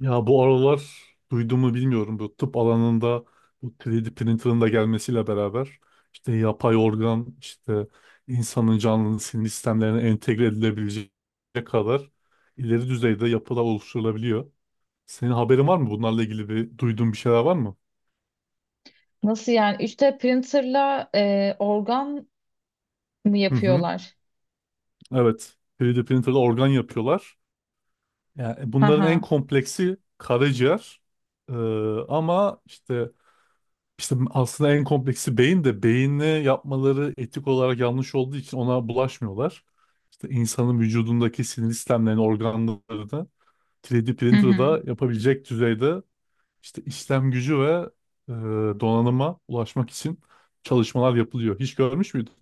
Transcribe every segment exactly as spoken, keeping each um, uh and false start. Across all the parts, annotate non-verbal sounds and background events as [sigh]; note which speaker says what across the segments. Speaker 1: Ya bu aralar duyduğumu bilmiyorum. Bu tıp alanında bu üç D printer'ın da gelmesiyle beraber işte yapay organ işte insanın canlının sinir sistemlerine entegre edilebilecek kadar ileri düzeyde yapılar oluşturulabiliyor. Senin haberin var mı? Bunlarla ilgili bir duyduğun bir şeyler var mı?
Speaker 2: Nasıl yani? üç D printerla e, organ mı
Speaker 1: Hı hı.
Speaker 2: yapıyorlar?
Speaker 1: Evet. üç D printer'la organ yapıyorlar. Yani
Speaker 2: Hı
Speaker 1: bunların en
Speaker 2: hı.
Speaker 1: kompleksi karaciğer. Ee, ama işte İşte aslında en kompleksi beyin de beyinle yapmaları etik olarak yanlış olduğu için ona bulaşmıyorlar. İşte insanın vücudundaki sinir sistemlerini, organlarını üç D
Speaker 2: Hı hı.
Speaker 1: printer'da yapabilecek düzeyde işte işlem gücü ve e, donanıma ulaşmak için çalışmalar yapılıyor. Hiç görmüş müydün?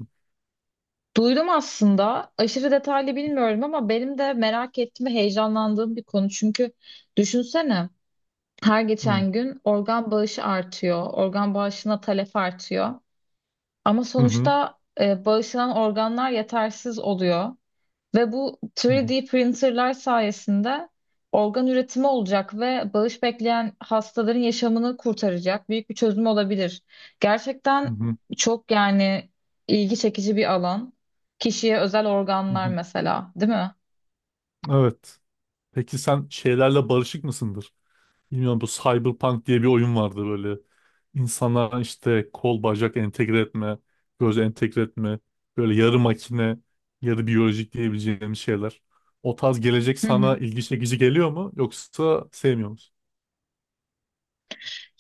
Speaker 2: Duydum aslında. Aşırı detaylı bilmiyorum ama benim de merak ettiğim ve heyecanlandığım bir konu. Çünkü düşünsene her
Speaker 1: Hı
Speaker 2: geçen gün organ bağışı artıyor. Organ bağışına talep artıyor. Ama
Speaker 1: hı hı
Speaker 2: sonuçta e, bağışlanan organlar yetersiz oluyor. Ve bu
Speaker 1: hı
Speaker 2: üç D printerlar sayesinde organ üretimi olacak ve bağış bekleyen hastaların yaşamını kurtaracak büyük bir çözüm olabilir. Gerçekten
Speaker 1: hı hı.
Speaker 2: çok yani ilgi çekici bir alan. Kişiye özel
Speaker 1: Hı
Speaker 2: organlar
Speaker 1: hı.
Speaker 2: mesela, değil mi?
Speaker 1: Evet. Peki sen şeylerle barışık mısındır? Bilmiyorum, bu Cyberpunk diye bir oyun vardı böyle. İnsanlara işte kol bacak entegre etme, göz entegre etme, böyle yarı makine, yarı biyolojik diyebileceğim şeyler. O tarz gelecek sana
Speaker 2: [laughs]
Speaker 1: ilgi çekici geliyor mu yoksa sevmiyor musun?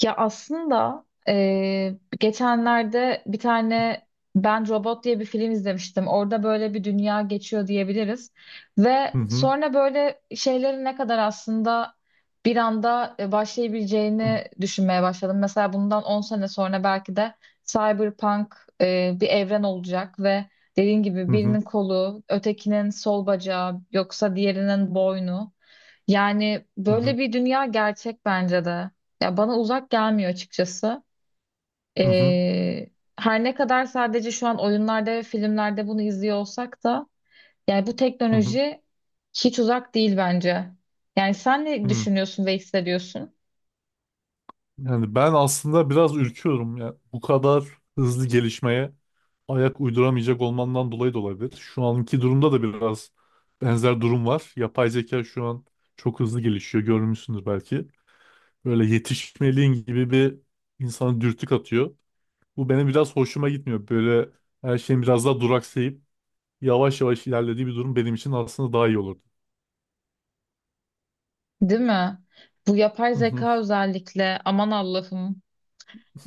Speaker 2: Ya aslında eee, geçenlerde bir tane Ben Robot diye bir film izlemiştim. Orada böyle bir dünya geçiyor diyebiliriz. Ve
Speaker 1: Hı hı.
Speaker 2: sonra böyle şeylerin ne kadar aslında bir anda e, başlayabileceğini düşünmeye başladım. Mesela bundan on sene sonra belki de cyberpunk e, bir evren olacak ve dediğin gibi
Speaker 1: Hı hı.
Speaker 2: birinin kolu, ötekinin sol bacağı, yoksa diğerinin boynu. Yani
Speaker 1: Hı hı.
Speaker 2: böyle bir dünya gerçek bence de. Ya bana uzak gelmiyor açıkçası.
Speaker 1: Hı hı.
Speaker 2: Ee, Her ne kadar sadece şu an oyunlarda ve filmlerde bunu izliyor olsak da yani bu
Speaker 1: Hı hı.
Speaker 2: teknoloji hiç uzak değil bence. Yani sen ne
Speaker 1: Hı hı.
Speaker 2: düşünüyorsun ve hissediyorsun,
Speaker 1: Yani ben aslında biraz ürküyorum ya. Bu kadar hızlı gelişmeye ayak uyduramayacak olmandan dolayı da olabilir. Şu anki durumda da biraz benzer durum var. Yapay zeka şu an çok hızlı gelişiyor. Görmüşsündür belki. Böyle yetişmeliğin gibi bir insanı dürtük atıyor. Bu benim biraz hoşuma gitmiyor. Böyle her şeyin biraz daha duraksayıp yavaş yavaş ilerlediği bir durum benim için aslında daha iyi olurdu.
Speaker 2: değil mi? Bu yapay
Speaker 1: Hı hı.
Speaker 2: zeka özellikle aman Allah'ım.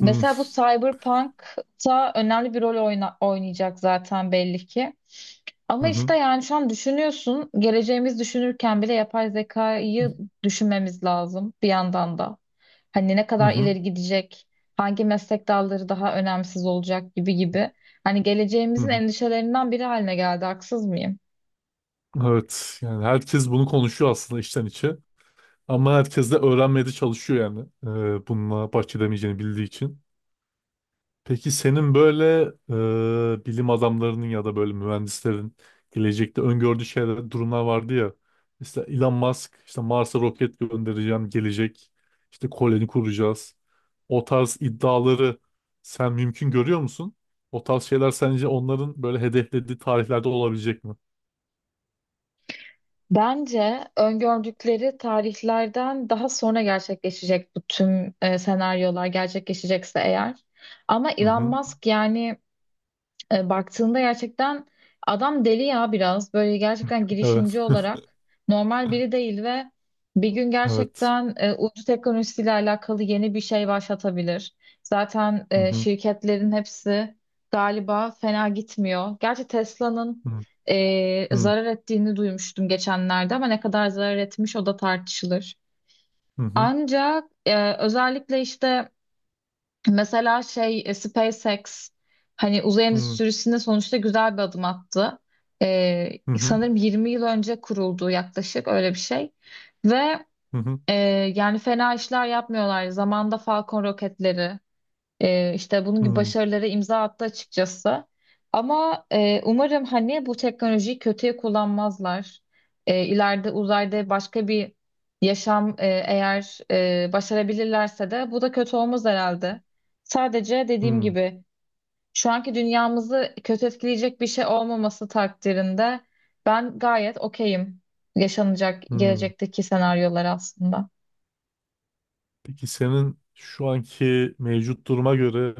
Speaker 1: Hı
Speaker 2: bu Cyberpunk'ta önemli bir rol oyna- oynayacak zaten belli ki. Ama
Speaker 1: hı.
Speaker 2: işte yani şu an düşünüyorsun, geleceğimiz düşünürken bile yapay zekayı düşünmemiz lazım bir yandan da. Hani ne
Speaker 1: Hı
Speaker 2: kadar
Speaker 1: hı.
Speaker 2: ileri gidecek, hangi meslek dalları daha önemsiz olacak gibi gibi. Hani
Speaker 1: Hı
Speaker 2: geleceğimizin
Speaker 1: hı.
Speaker 2: endişelerinden biri haline geldi, haksız mıyım?
Speaker 1: Evet, yani herkes bunu konuşuyor aslında içten içe. Ama herkes de öğrenmeye de çalışıyor yani. Ee, bununla baş edemeyeceğini bildiği için. Peki senin böyle e, bilim adamlarının ya da böyle mühendislerin gelecekte öngördüğü şeyler, durumlar vardı ya. İşte Elon Musk işte Mars'a roket göndereceğim gelecek. İşte koloni kuracağız. O tarz iddiaları sen mümkün görüyor musun? O tarz şeyler sence onların böyle hedeflediği tarihlerde olabilecek mi?
Speaker 2: Bence öngördükleri tarihlerden daha sonra gerçekleşecek bu tüm e, senaryolar gerçekleşecekse eğer. Ama
Speaker 1: Hı
Speaker 2: Elon
Speaker 1: hı.
Speaker 2: Musk yani e, baktığında gerçekten adam deli ya biraz böyle gerçekten
Speaker 1: Evet,
Speaker 2: girişimci olarak normal biri değil ve bir gün
Speaker 1: evet.
Speaker 2: gerçekten e, uydu teknolojisiyle alakalı yeni bir şey başlatabilir. Zaten
Speaker 1: Hı
Speaker 2: e,
Speaker 1: hı.
Speaker 2: şirketlerin hepsi galiba fena gitmiyor. Gerçi Tesla'nın
Speaker 1: Hı
Speaker 2: e,
Speaker 1: hı.
Speaker 2: zarar ettiğini duymuştum geçenlerde ama ne kadar zarar etmiş o da tartışılır.
Speaker 1: Hı hı.
Speaker 2: Ancak e, özellikle işte mesela şey e, SpaceX hani uzay
Speaker 1: Hı hı.
Speaker 2: endüstrisinde sonuçta güzel bir adım attı. Ee,
Speaker 1: Hı hı.
Speaker 2: Sanırım yirmi yıl önce kuruldu yaklaşık öyle bir şey. Ve
Speaker 1: Hı hı.
Speaker 2: e, yani fena işler yapmıyorlar. Zamanda Falcon roketleri ee, işte bunun gibi
Speaker 1: Hmm,
Speaker 2: başarılara imza attı açıkçası. Ama e, umarım hani bu teknolojiyi kötüye kullanmazlar. E, ileride uzayda başka bir yaşam e, eğer e, başarabilirlerse de bu da kötü olmaz herhalde. Sadece dediğim
Speaker 1: hmm,
Speaker 2: gibi şu anki dünyamızı kötü etkileyecek bir şey olmaması takdirinde ben gayet okeyim yaşanacak
Speaker 1: hmm.
Speaker 2: gelecekteki senaryolar aslında.
Speaker 1: Peki senin şu anki mevcut duruma göre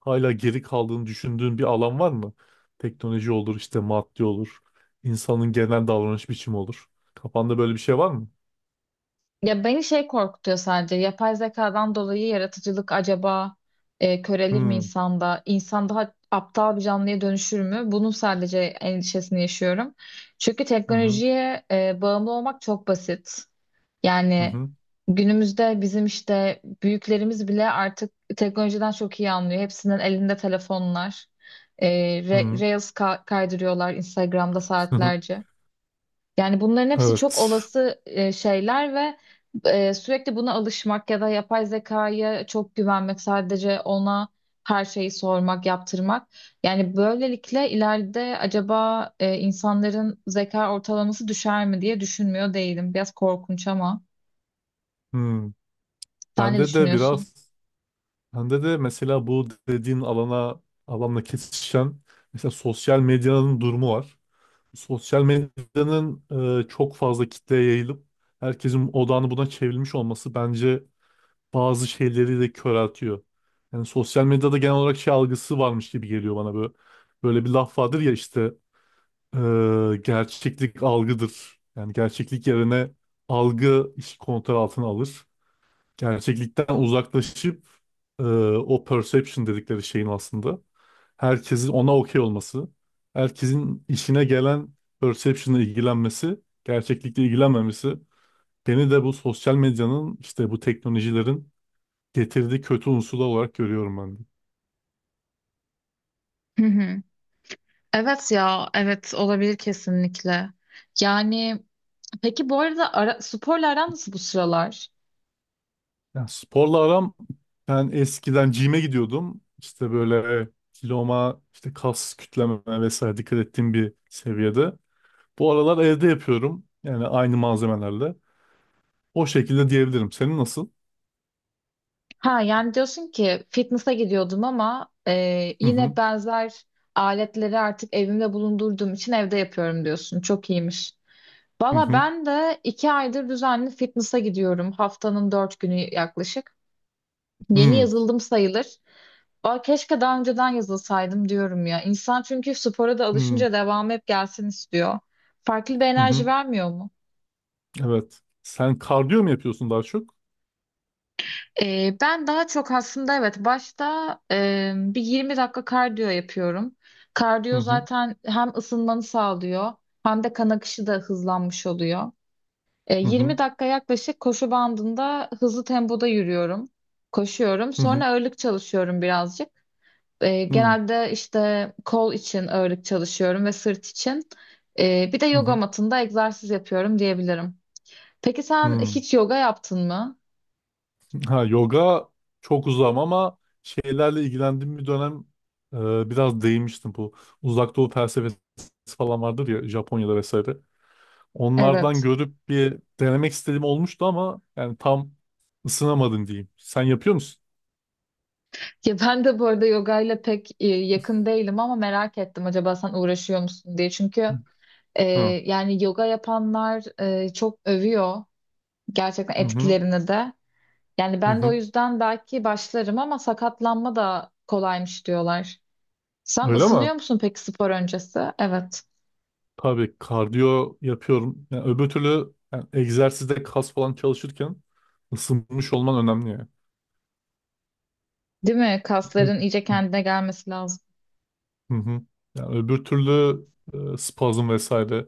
Speaker 1: hala geri kaldığını düşündüğün bir alan var mı? Teknoloji olur, işte maddi olur, insanın genel davranış biçimi olur. Kafanda böyle bir şey var mı?
Speaker 2: Ya beni şey korkutuyor sadece. Yapay zekadan dolayı yaratıcılık acaba e, körelir mi
Speaker 1: Hmm,
Speaker 2: insanda? İnsan daha aptal bir canlıya dönüşür mü? Bunun sadece endişesini yaşıyorum. Çünkü
Speaker 1: hı hı,
Speaker 2: teknolojiye e, bağımlı olmak çok basit.
Speaker 1: hı
Speaker 2: Yani
Speaker 1: hı,
Speaker 2: günümüzde bizim işte büyüklerimiz bile artık teknolojiden çok iyi anlıyor. Hepsinin elinde telefonlar. E, re-
Speaker 1: hı
Speaker 2: Reels ka- kaydırıyorlar Instagram'da
Speaker 1: hı.
Speaker 2: saatlerce. Yani bunların
Speaker 1: [laughs]
Speaker 2: hepsi çok
Speaker 1: Evet.
Speaker 2: olası e, şeyler ve e, sürekli buna alışmak ya da yapay zekaya çok güvenmek, sadece ona her şeyi sormak, yaptırmak. Yani böylelikle ileride acaba e, insanların zeka ortalaması düşer mi diye düşünmüyor değilim. Biraz korkunç ama
Speaker 1: Hmm.
Speaker 2: sen ne
Speaker 1: Bende de
Speaker 2: düşünüyorsun?
Speaker 1: biraz, bende de mesela bu dediğin alana, alanla kesişen mesela sosyal medyanın durumu var. Sosyal medyanın e, çok fazla kitleye yayılıp herkesin odağını buna çevrilmiş olması bence bazı şeyleri de köreltiyor. Yani sosyal medyada genel olarak şey algısı varmış gibi geliyor bana böyle. Böyle bir laf vardır ya işte e, gerçeklik algıdır. Yani gerçeklik yerine algı işi kontrol altına alır gerçeklikten uzaklaşıp e, o perception dedikleri şeyin aslında herkesin ona okey olması, herkesin işine gelen perception'la ilgilenmesi, gerçeklikle ilgilenmemesi beni de bu sosyal medyanın işte bu teknolojilerin getirdiği kötü unsur olarak görüyorum ben de.
Speaker 2: Hı hı. Evet ya, evet olabilir kesinlikle. Yani peki bu arada ara, sporla aran nasıl bu sıralar?
Speaker 1: Yani sporla aram, ben eskiden gym'e gidiyordum. İşte böyle kiloma, işte kas kütleme vesaire dikkat ettiğim bir seviyede. Bu aralar evde yapıyorum. Yani aynı malzemelerle. O şekilde diyebilirim. Senin nasıl?
Speaker 2: Ha yani diyorsun ki fitness'a gidiyordum ama e,
Speaker 1: Hı
Speaker 2: yine
Speaker 1: hı.
Speaker 2: benzer aletleri artık evimde bulundurduğum için evde yapıyorum diyorsun. Çok iyiymiş.
Speaker 1: Hı
Speaker 2: Valla
Speaker 1: hı.
Speaker 2: ben de iki aydır düzenli fitness'a gidiyorum. Haftanın dört günü yaklaşık. Yeni
Speaker 1: Hı
Speaker 2: yazıldım sayılır. Aa, keşke daha önceden yazılsaydım diyorum ya. İnsan çünkü spora da
Speaker 1: hı.
Speaker 2: alışınca devamı hep gelsin istiyor. Farklı bir
Speaker 1: Hı
Speaker 2: enerji
Speaker 1: hı.
Speaker 2: vermiyor mu?
Speaker 1: Evet. Sen kardiyo mu yapıyorsun daha çok?
Speaker 2: Ee, ben daha çok aslında evet başta e, bir yirmi dakika kardiyo yapıyorum.
Speaker 1: Hı
Speaker 2: Kardiyo
Speaker 1: hı.
Speaker 2: zaten hem ısınmanı sağlıyor hem de kan akışı da hızlanmış oluyor. Ee,
Speaker 1: Hı hı.
Speaker 2: yirmi dakika yaklaşık koşu bandında hızlı tempoda yürüyorum, koşuyorum.
Speaker 1: Hı hı.
Speaker 2: Sonra ağırlık çalışıyorum birazcık. Ee,
Speaker 1: Hı hı.
Speaker 2: genelde işte kol için ağırlık çalışıyorum ve sırt için. Ee, bir de yoga
Speaker 1: Hı
Speaker 2: matında egzersiz yapıyorum diyebilirim. Peki sen
Speaker 1: hı.
Speaker 2: hiç yoga yaptın mı?
Speaker 1: Ha, yoga çok uzağım ama şeylerle ilgilendiğim bir dönem e, biraz değinmiştim bu. Uzak Doğu felsefesi falan vardır ya, Japonya'da vesaire. Onlardan
Speaker 2: Evet.
Speaker 1: görüp bir denemek istediğim olmuştu ama yani tam ısınamadım diyeyim. Sen yapıyor musun?
Speaker 2: Ya ben de bu arada yoga ile pek e, yakın değilim ama merak ettim acaba sen uğraşıyor musun diye.
Speaker 1: Hı
Speaker 2: Çünkü e,
Speaker 1: hı.
Speaker 2: yani yoga yapanlar e, çok övüyor gerçekten
Speaker 1: Hı hı.
Speaker 2: etkilerini de. Yani ben de o
Speaker 1: Hı.
Speaker 2: yüzden belki başlarım ama sakatlanma da kolaymış diyorlar. Sen
Speaker 1: Öyle mi?
Speaker 2: ısınıyor musun peki spor öncesi? Evet.
Speaker 1: Tabii kardiyo yapıyorum. Yani öbür türlü yani egzersizde kas falan çalışırken ısınmış olman önemli yani.
Speaker 2: Değil mi?
Speaker 1: Ö-
Speaker 2: Kasların iyice kendine gelmesi lazım.
Speaker 1: Hı hı. Yani öbür türlü e, spazm vesaire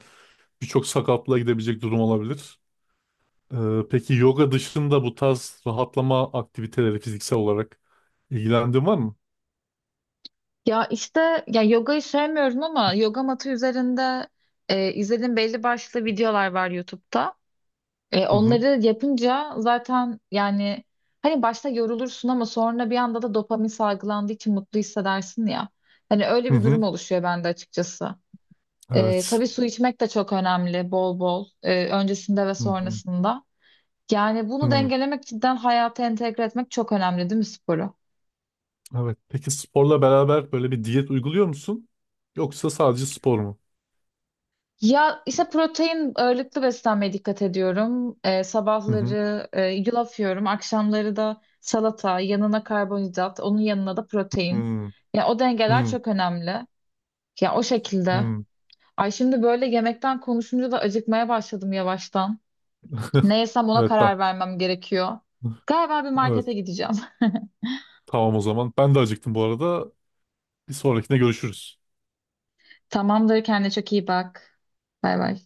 Speaker 1: birçok sakatlığa gidebilecek durum olabilir. E, peki yoga dışında bu tarz rahatlama aktiviteleri fiziksel olarak ilgilendiğin var mı?
Speaker 2: Ya işte ya yogayı sevmiyorum ama yoga matı üzerinde e, izlediğim belli başlı videolar var YouTube'da. E,
Speaker 1: Hı hı.
Speaker 2: onları yapınca zaten yani hani başta yorulursun ama sonra bir anda da dopamin salgılandığı için mutlu hissedersin ya. Hani öyle
Speaker 1: Hı
Speaker 2: bir durum
Speaker 1: hı.
Speaker 2: oluşuyor bende açıkçası. E,
Speaker 1: Evet.
Speaker 2: tabii su içmek de çok önemli bol bol e, öncesinde ve
Speaker 1: Hı hı.
Speaker 2: sonrasında. Yani bunu
Speaker 1: Hı.
Speaker 2: dengelemek cidden hayata entegre etmek çok önemli değil mi sporu?
Speaker 1: Evet. Peki sporla beraber böyle bir diyet uyguluyor musun? Yoksa sadece spor mu?
Speaker 2: Ya işte protein ağırlıklı beslenmeye dikkat ediyorum. Ee,
Speaker 1: Hı hı.
Speaker 2: sabahları e, yulaf yiyorum. Akşamları da salata, yanına karbonhidrat, onun yanına da protein.
Speaker 1: Hı
Speaker 2: Ya o dengeler
Speaker 1: hı.
Speaker 2: çok önemli. Ya o şekilde.
Speaker 1: Hmm.
Speaker 2: Ay şimdi böyle yemekten konuşunca da acıkmaya başladım yavaştan. Ne
Speaker 1: [laughs]
Speaker 2: yesem ona
Speaker 1: Evet ben.
Speaker 2: karar vermem gerekiyor. Galiba bir
Speaker 1: Evet.
Speaker 2: markete gideceğim. [laughs]
Speaker 1: Tamam o zaman. Ben de acıktım bu arada. Bir sonrakine görüşürüz.
Speaker 2: Tamamdır, kendine çok iyi bak. Bay bay.